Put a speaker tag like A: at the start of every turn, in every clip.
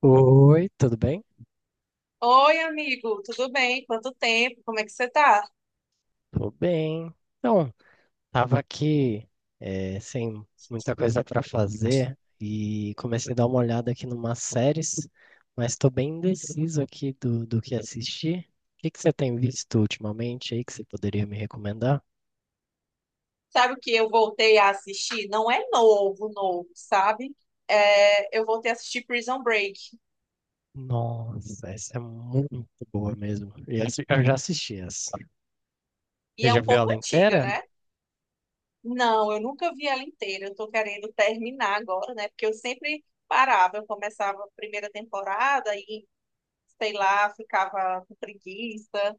A: Oi, tudo bem?
B: Oi, amigo, tudo bem? Quanto tempo? Como é que você tá?
A: Tô bem. Então, tava aqui sem muita coisa para fazer e comecei a dar uma olhada aqui numas séries, mas tô bem indeciso aqui do que assistir. O que que você tem visto ultimamente aí que você poderia me recomendar?
B: Sabe o que eu voltei a assistir? Não é novo, novo, sabe? É, eu voltei a assistir Prison Break
A: Nossa, essa é muito boa mesmo. E essa- Eu já assisti essa.
B: e
A: Você
B: é
A: já
B: um
A: viu
B: pouco
A: ela
B: antiga,
A: inteira?
B: né? Não, eu nunca vi ela inteira. Eu tô querendo terminar agora, né? Porque eu sempre parava, eu começava a primeira temporada e, sei lá, ficava com preguiça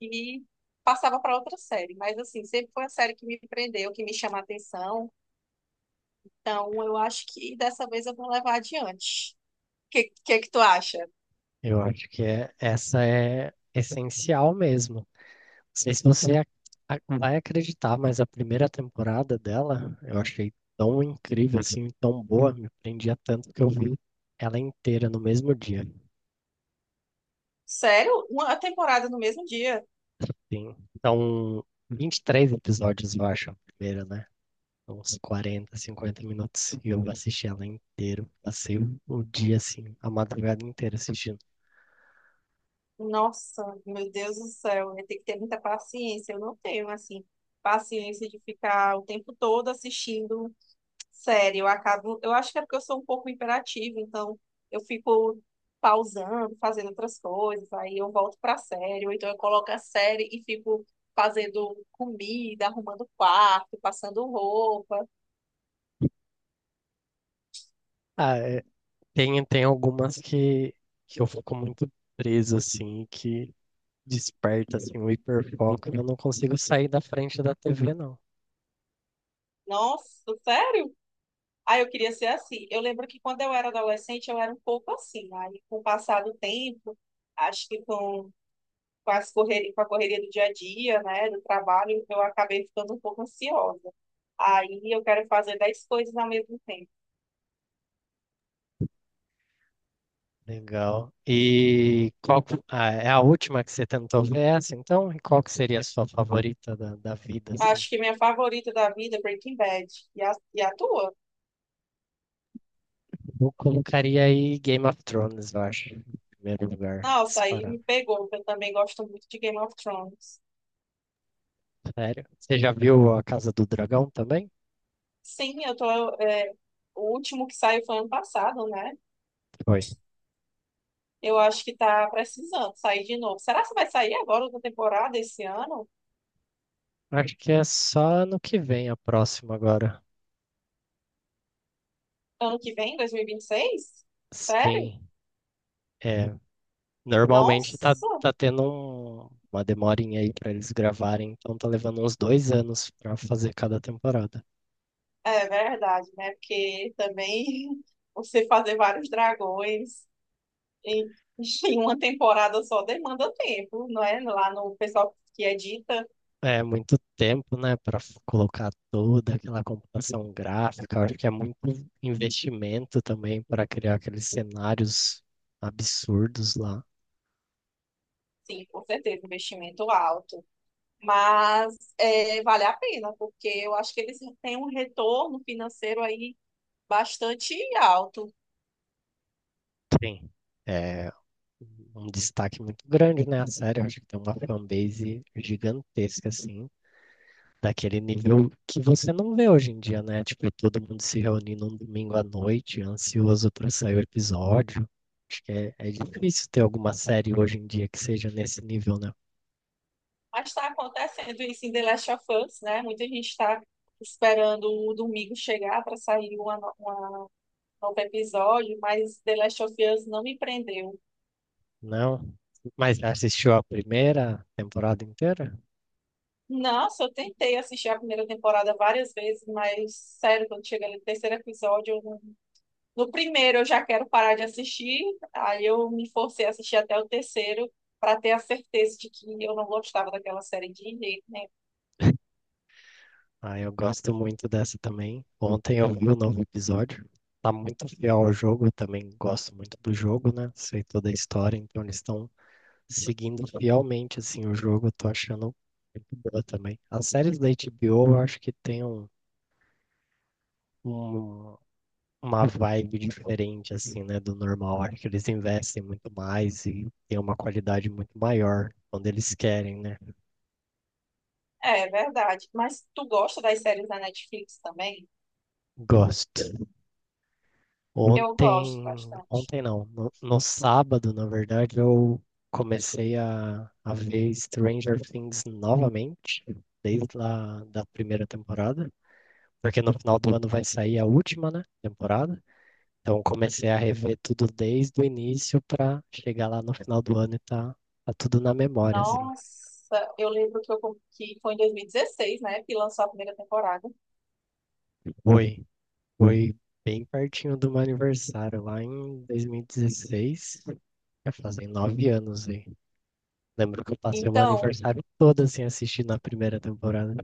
B: e passava para outra série. Mas assim, sempre foi a série que me prendeu, que me chama a atenção. Então, eu acho que dessa vez eu vou levar adiante. Que que tu acha?
A: Eu acho que é, essa é essencial mesmo. Não sei se você vai acreditar, mas a primeira temporada dela eu achei tão incrível, assim, tão boa, me prendia tanto que eu vi ela inteira no mesmo dia.
B: Sério? Uma temporada no mesmo dia?
A: Sim. Então, 23 episódios, eu acho, a primeira, né? Uns 40, 50 minutos. E eu assisti ela inteira. Passei o dia, assim, a madrugada inteira assistindo.
B: Nossa, meu Deus do céu, eu tenho que ter muita paciência. Eu não tenho assim paciência de ficar o tempo todo assistindo série. Eu acabo, eu acho que é porque eu sou um pouco imperativa, então eu fico pausando, fazendo outras coisas, aí eu volto pra série, ou então eu coloco a série e fico fazendo comida, arrumando quarto, passando roupa.
A: Ah, é, tem algumas que eu fico muito preso, assim, que desperta assim um hiperfoco, eu não consigo sair da frente da TV, não.
B: Nossa, sério? Ah, eu queria ser assim. Eu lembro que quando eu era adolescente, eu era um pouco assim. Aí, com o passar do tempo, acho que as correria, com a correria do dia a dia, né, do trabalho, eu acabei ficando um pouco ansiosa. Aí, eu quero fazer 10 coisas ao mesmo tempo.
A: Legal. E qual que- ah, é a última que você tentou ver essa, então? E qual que seria a sua favorita da vida, assim?
B: Acho que minha favorita da vida é Breaking Bad. E a tua?
A: Eu colocaria aí Game of Thrones, eu acho, em primeiro lugar,
B: Nossa, aí
A: disparado.
B: me pegou, porque eu também gosto muito de Game of Thrones.
A: Sério? Você já viu A Casa do Dragão também?
B: Sim, eu tô. é, o último que saiu foi ano passado, né?
A: Foi.
B: Eu acho que tá precisando sair de novo. Será que vai sair agora outra temporada esse ano?
A: Acho que é só no que vem a próxima agora.
B: Ano que vem, dois mil e vinte e seis. Sério?
A: Sim. É, normalmente tá,
B: Nossa,
A: tá tendo um- uma demorinha aí pra eles gravarem, então tá levando uns 2 anos pra fazer cada temporada.
B: é verdade, né? Porque também você fazer vários dragões em, em uma temporada só demanda tempo, não é? Lá no pessoal que edita,
A: É muito tempo, né? Colocar toda aquela computação gráfica. Eu acho que é muito investimento também para criar aqueles cenários absurdos lá.
B: sim, com certeza, investimento alto. Mas é, vale a pena, porque eu acho que eles têm um retorno financeiro aí bastante alto.
A: Sim, é um destaque muito grande, né, a série. Eu acho que tem uma fanbase gigantesca, assim. Daquele nível que você não vê hoje em dia, né? Tipo, todo mundo se reunindo um domingo à noite, ansioso para sair o episódio. Acho que é, é difícil ter alguma série hoje em dia que seja nesse nível, né?
B: Mas está acontecendo isso em The Last of Us, né? Muita gente está esperando o domingo chegar para sair uma, no- uma novo episódio, mas The Last of Us não me prendeu.
A: Não. Mas já assistiu a primeira temporada inteira?
B: Nossa, eu tentei assistir a primeira temporada várias vezes, mas sério, quando chega no terceiro episódio, eu não- no primeiro eu já quero parar de assistir, aí eu me forcei a assistir até o terceiro para ter a certeza de que eu não gostava daquela série de jeito nenhum.
A: Ah, eu gosto muito dessa também. Ontem eu vi o novo episódio. Tá muito fiel ao jogo, eu também gosto muito do jogo, né? Sei toda a história, então eles estão seguindo fielmente assim o jogo, eu tô achando muito boa também. As séries da HBO eu acho que tem um, um- uma vibe diferente assim, né, do normal. Acho que eles investem muito mais e tem uma qualidade muito maior quando eles querem, né?
B: É, é verdade. Mas tu gosta das séries da Netflix também?
A: Gosto.
B: Eu gosto
A: Ontem,
B: bastante.
A: ontem não, no sábado, na verdade, eu comecei a ver Stranger Things novamente, desde lá da primeira temporada. Porque no final do ano vai sair a última, né, temporada. Então comecei a rever tudo desde o início para chegar lá no final do ano e tá tudo na memória, assim.
B: Nossa, eu lembro que foi em 2016, né, que lançou a primeira temporada.
A: Foi, foi bem pertinho do meu aniversário, lá em 2016, já fazem 9 anos aí. Lembro que eu passei o meu
B: Então,
A: aniversário todo assim assistindo a primeira temporada.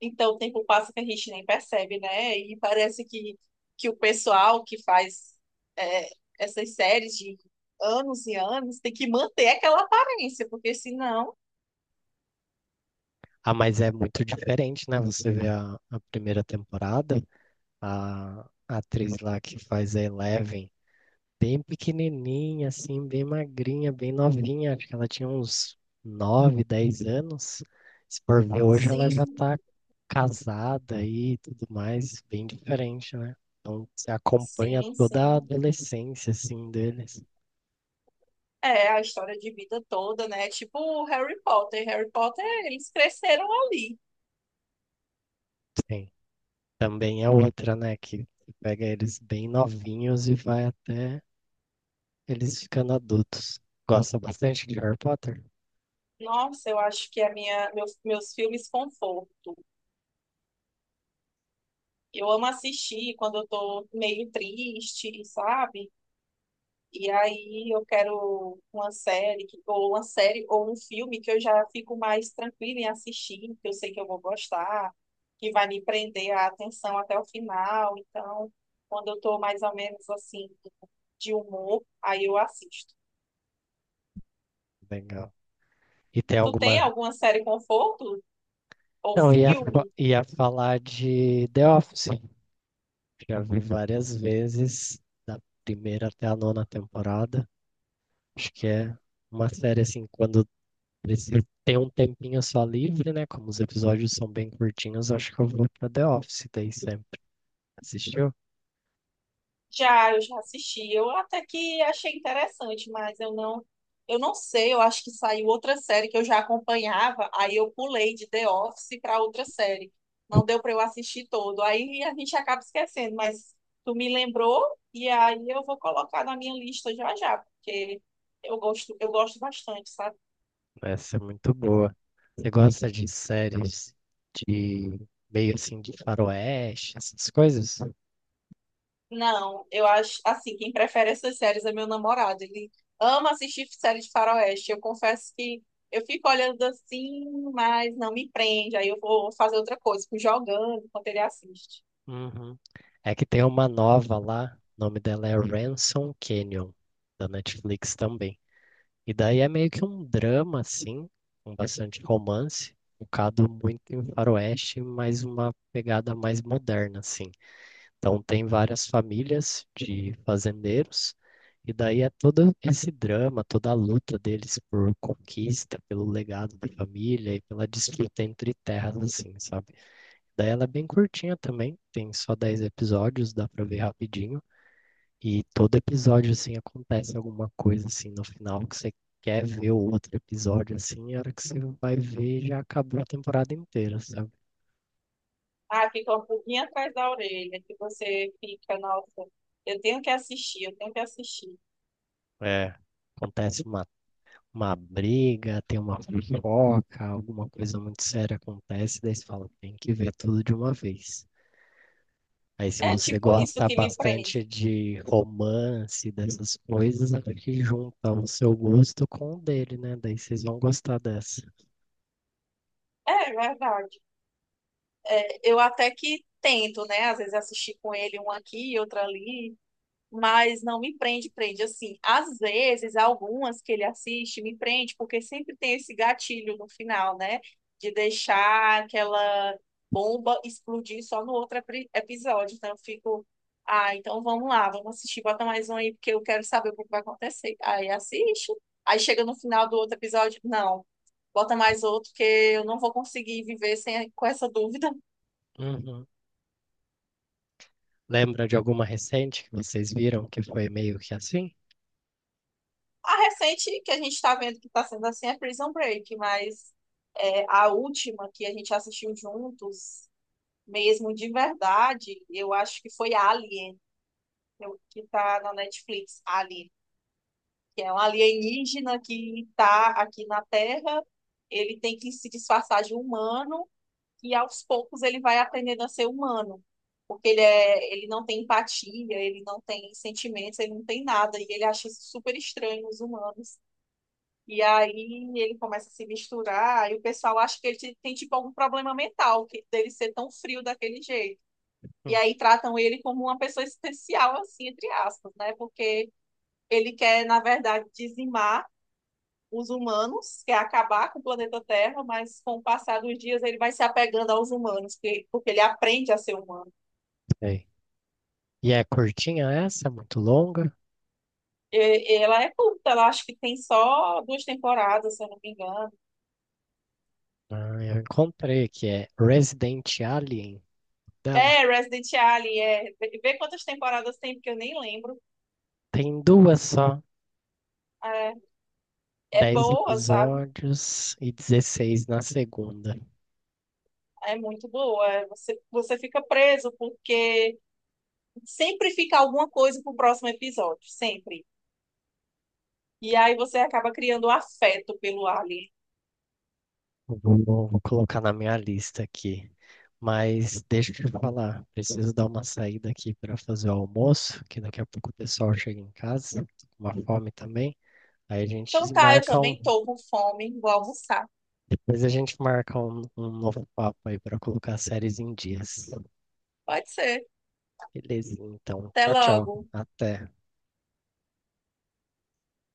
B: então o tempo passa que a gente nem percebe, né? E parece que o pessoal que faz é, essas séries de anos e anos tem que manter aquela aparência, porque senão,
A: Ah, mas é muito diferente, né? Você vê a primeira temporada, a, a atriz lá que faz a Eleven bem pequenininha, assim, bem magrinha, bem novinha. Acho que ela tinha uns 9, 10 anos. Se por ver hoje, ela já
B: sim,
A: tá casada e tudo mais, bem diferente, né? Então, você acompanha
B: sim,
A: toda a
B: sim.
A: adolescência, assim, deles.
B: É a história de vida toda, né? Tipo o Harry Potter. Harry Potter, eles cresceram ali.
A: Sim. Também é outra, né, que pega eles bem novinhos e vai até eles ficando adultos. Gosta bastante de Harry Potter?
B: Nossa, eu acho que meus filmes conforto. Eu amo assistir quando eu tô meio triste, sabe? E aí eu quero uma série, ou uma série, ou um filme que eu já fico mais tranquila em assistir, que eu sei que eu vou gostar, que vai me prender a atenção até o final. Então, quando eu tô mais ou menos assim, de humor, aí eu assisto.
A: Legal. E tem
B: Tu tem
A: alguma...
B: alguma série conforto ou
A: Não,
B: filme?
A: ia falar de The Office. Já vi várias vezes, da primeira até a nona temporada. Acho que é uma série assim, quando preciso ter um tempinho só livre, né? Como os episódios são bem curtinhos, acho que eu vou pra The Office daí sempre. Assistiu?
B: Já, eu já assisti. Eu até que achei interessante, mas eu não sei, eu acho que saiu outra série que eu já acompanhava, aí eu pulei de The Office para outra série. Não deu para eu assistir todo. Aí a gente acaba esquecendo, mas tu me lembrou e aí eu vou colocar na minha lista já já, porque eu gosto bastante, sabe?
A: Essa é muito boa. Você gosta de séries de meio assim de faroeste, essas coisas?
B: Não, eu acho assim, quem prefere essas séries é meu namorado. Ele ama assistir séries de faroeste. Eu confesso que eu fico olhando assim, mas não me prende. Aí eu vou fazer outra coisa, fico jogando enquanto ele assiste.
A: Uhum. É que tem uma nova lá, o nome dela é Ransom Canyon, da Netflix também. E daí é meio que um drama, assim, com bastante romance, focado muito em faroeste, mas uma pegada mais moderna, assim. Então tem várias famílias de fazendeiros, e daí é todo esse drama, toda a luta deles por conquista, pelo legado da família e pela disputa entre terras, assim, sabe? Daí ela é bem curtinha também, tem só 10 episódios, dá pra ver rapidinho. E todo episódio, assim, acontece alguma coisa, assim, no final que você quer ver o outro episódio, assim, e a hora que você vai ver já acabou a temporada inteira, sabe?
B: Ah, fica um pouquinho atrás da orelha, que você fica, nossa, eu tenho que assistir.
A: É, acontece uma briga, tem uma fofoca, alguma coisa muito séria acontece, daí você fala, tem que ver tudo de uma vez. Aí, se
B: É
A: você
B: tipo isso
A: gosta
B: que me prende.
A: bastante de romance, dessas coisas, acho que junta o seu gosto com o dele, né? Daí vocês vão gostar dessa.
B: É verdade. É, eu até que tento, né? Às vezes assistir com ele um aqui e outro ali. Mas não me prende, prende assim. Às vezes, algumas que ele assiste me prende, porque sempre tem esse gatilho no final, né? De deixar aquela bomba explodir só no outro episódio. Então, eu fico, ah, então vamos lá, vamos assistir, bota mais um aí, porque eu quero saber o que vai acontecer. Aí assiste, aí chega no final do outro episódio, não. Bota mais outro, que eu não vou conseguir viver sem, com essa dúvida.
A: Uhum. Lembra de alguma recente que vocês viram que foi meio que assim?
B: A recente que a gente está vendo que está sendo assim é Prison Break, mas é, a última que a gente assistiu juntos, mesmo de verdade, eu acho que foi Alien, que está na Netflix, Alien, que é um alienígena que está aqui na Terra, ele tem que se disfarçar de humano e aos poucos ele vai aprendendo a ser humano. Porque ele, é, ele não tem empatia, ele não tem sentimentos, ele não tem nada, e ele acha isso super estranho nos humanos. E aí ele começa a se misturar, e o pessoal acha que ele tem tipo algum problema mental, que dele ser tão frio daquele jeito. E
A: Hum,
B: aí tratam ele como uma pessoa especial, assim, entre aspas, né? Porque ele quer, na verdade, dizimar os humanos, quer acabar com o planeta Terra, mas com o passar dos dias ele vai se apegando aos humanos, porque ele aprende a ser humano.
A: sei. E é curtinha essa? Muito longa?
B: Ela é curta, ela acho que tem só duas temporadas, se eu não me engano.
A: Ah, eu encontrei que é Resident Alien dela.
B: É, Resident Alien, é. Vê quantas temporadas tem, porque eu nem lembro.
A: Tem duas só,
B: É, é
A: 10
B: boa, sabe?
A: episódios e 16 na segunda.
B: É muito boa. É, você fica preso porque sempre fica alguma coisa pro próximo episódio, sempre. E aí você acaba criando um afeto pelo Alien.
A: Eu vou colocar na minha lista aqui. Mas deixa eu te falar, preciso dar uma saída aqui para fazer o almoço, que daqui a pouco o pessoal chega em casa, com uma fome também. Aí a
B: Então
A: gente
B: tá, eu
A: marca
B: também
A: um,
B: tô com fome, vou almoçar.
A: depois a gente marca um novo papo aí para colocar as séries em dias.
B: Pode ser.
A: Beleza, então.
B: Até
A: Tchau, tchau.
B: logo.
A: Até.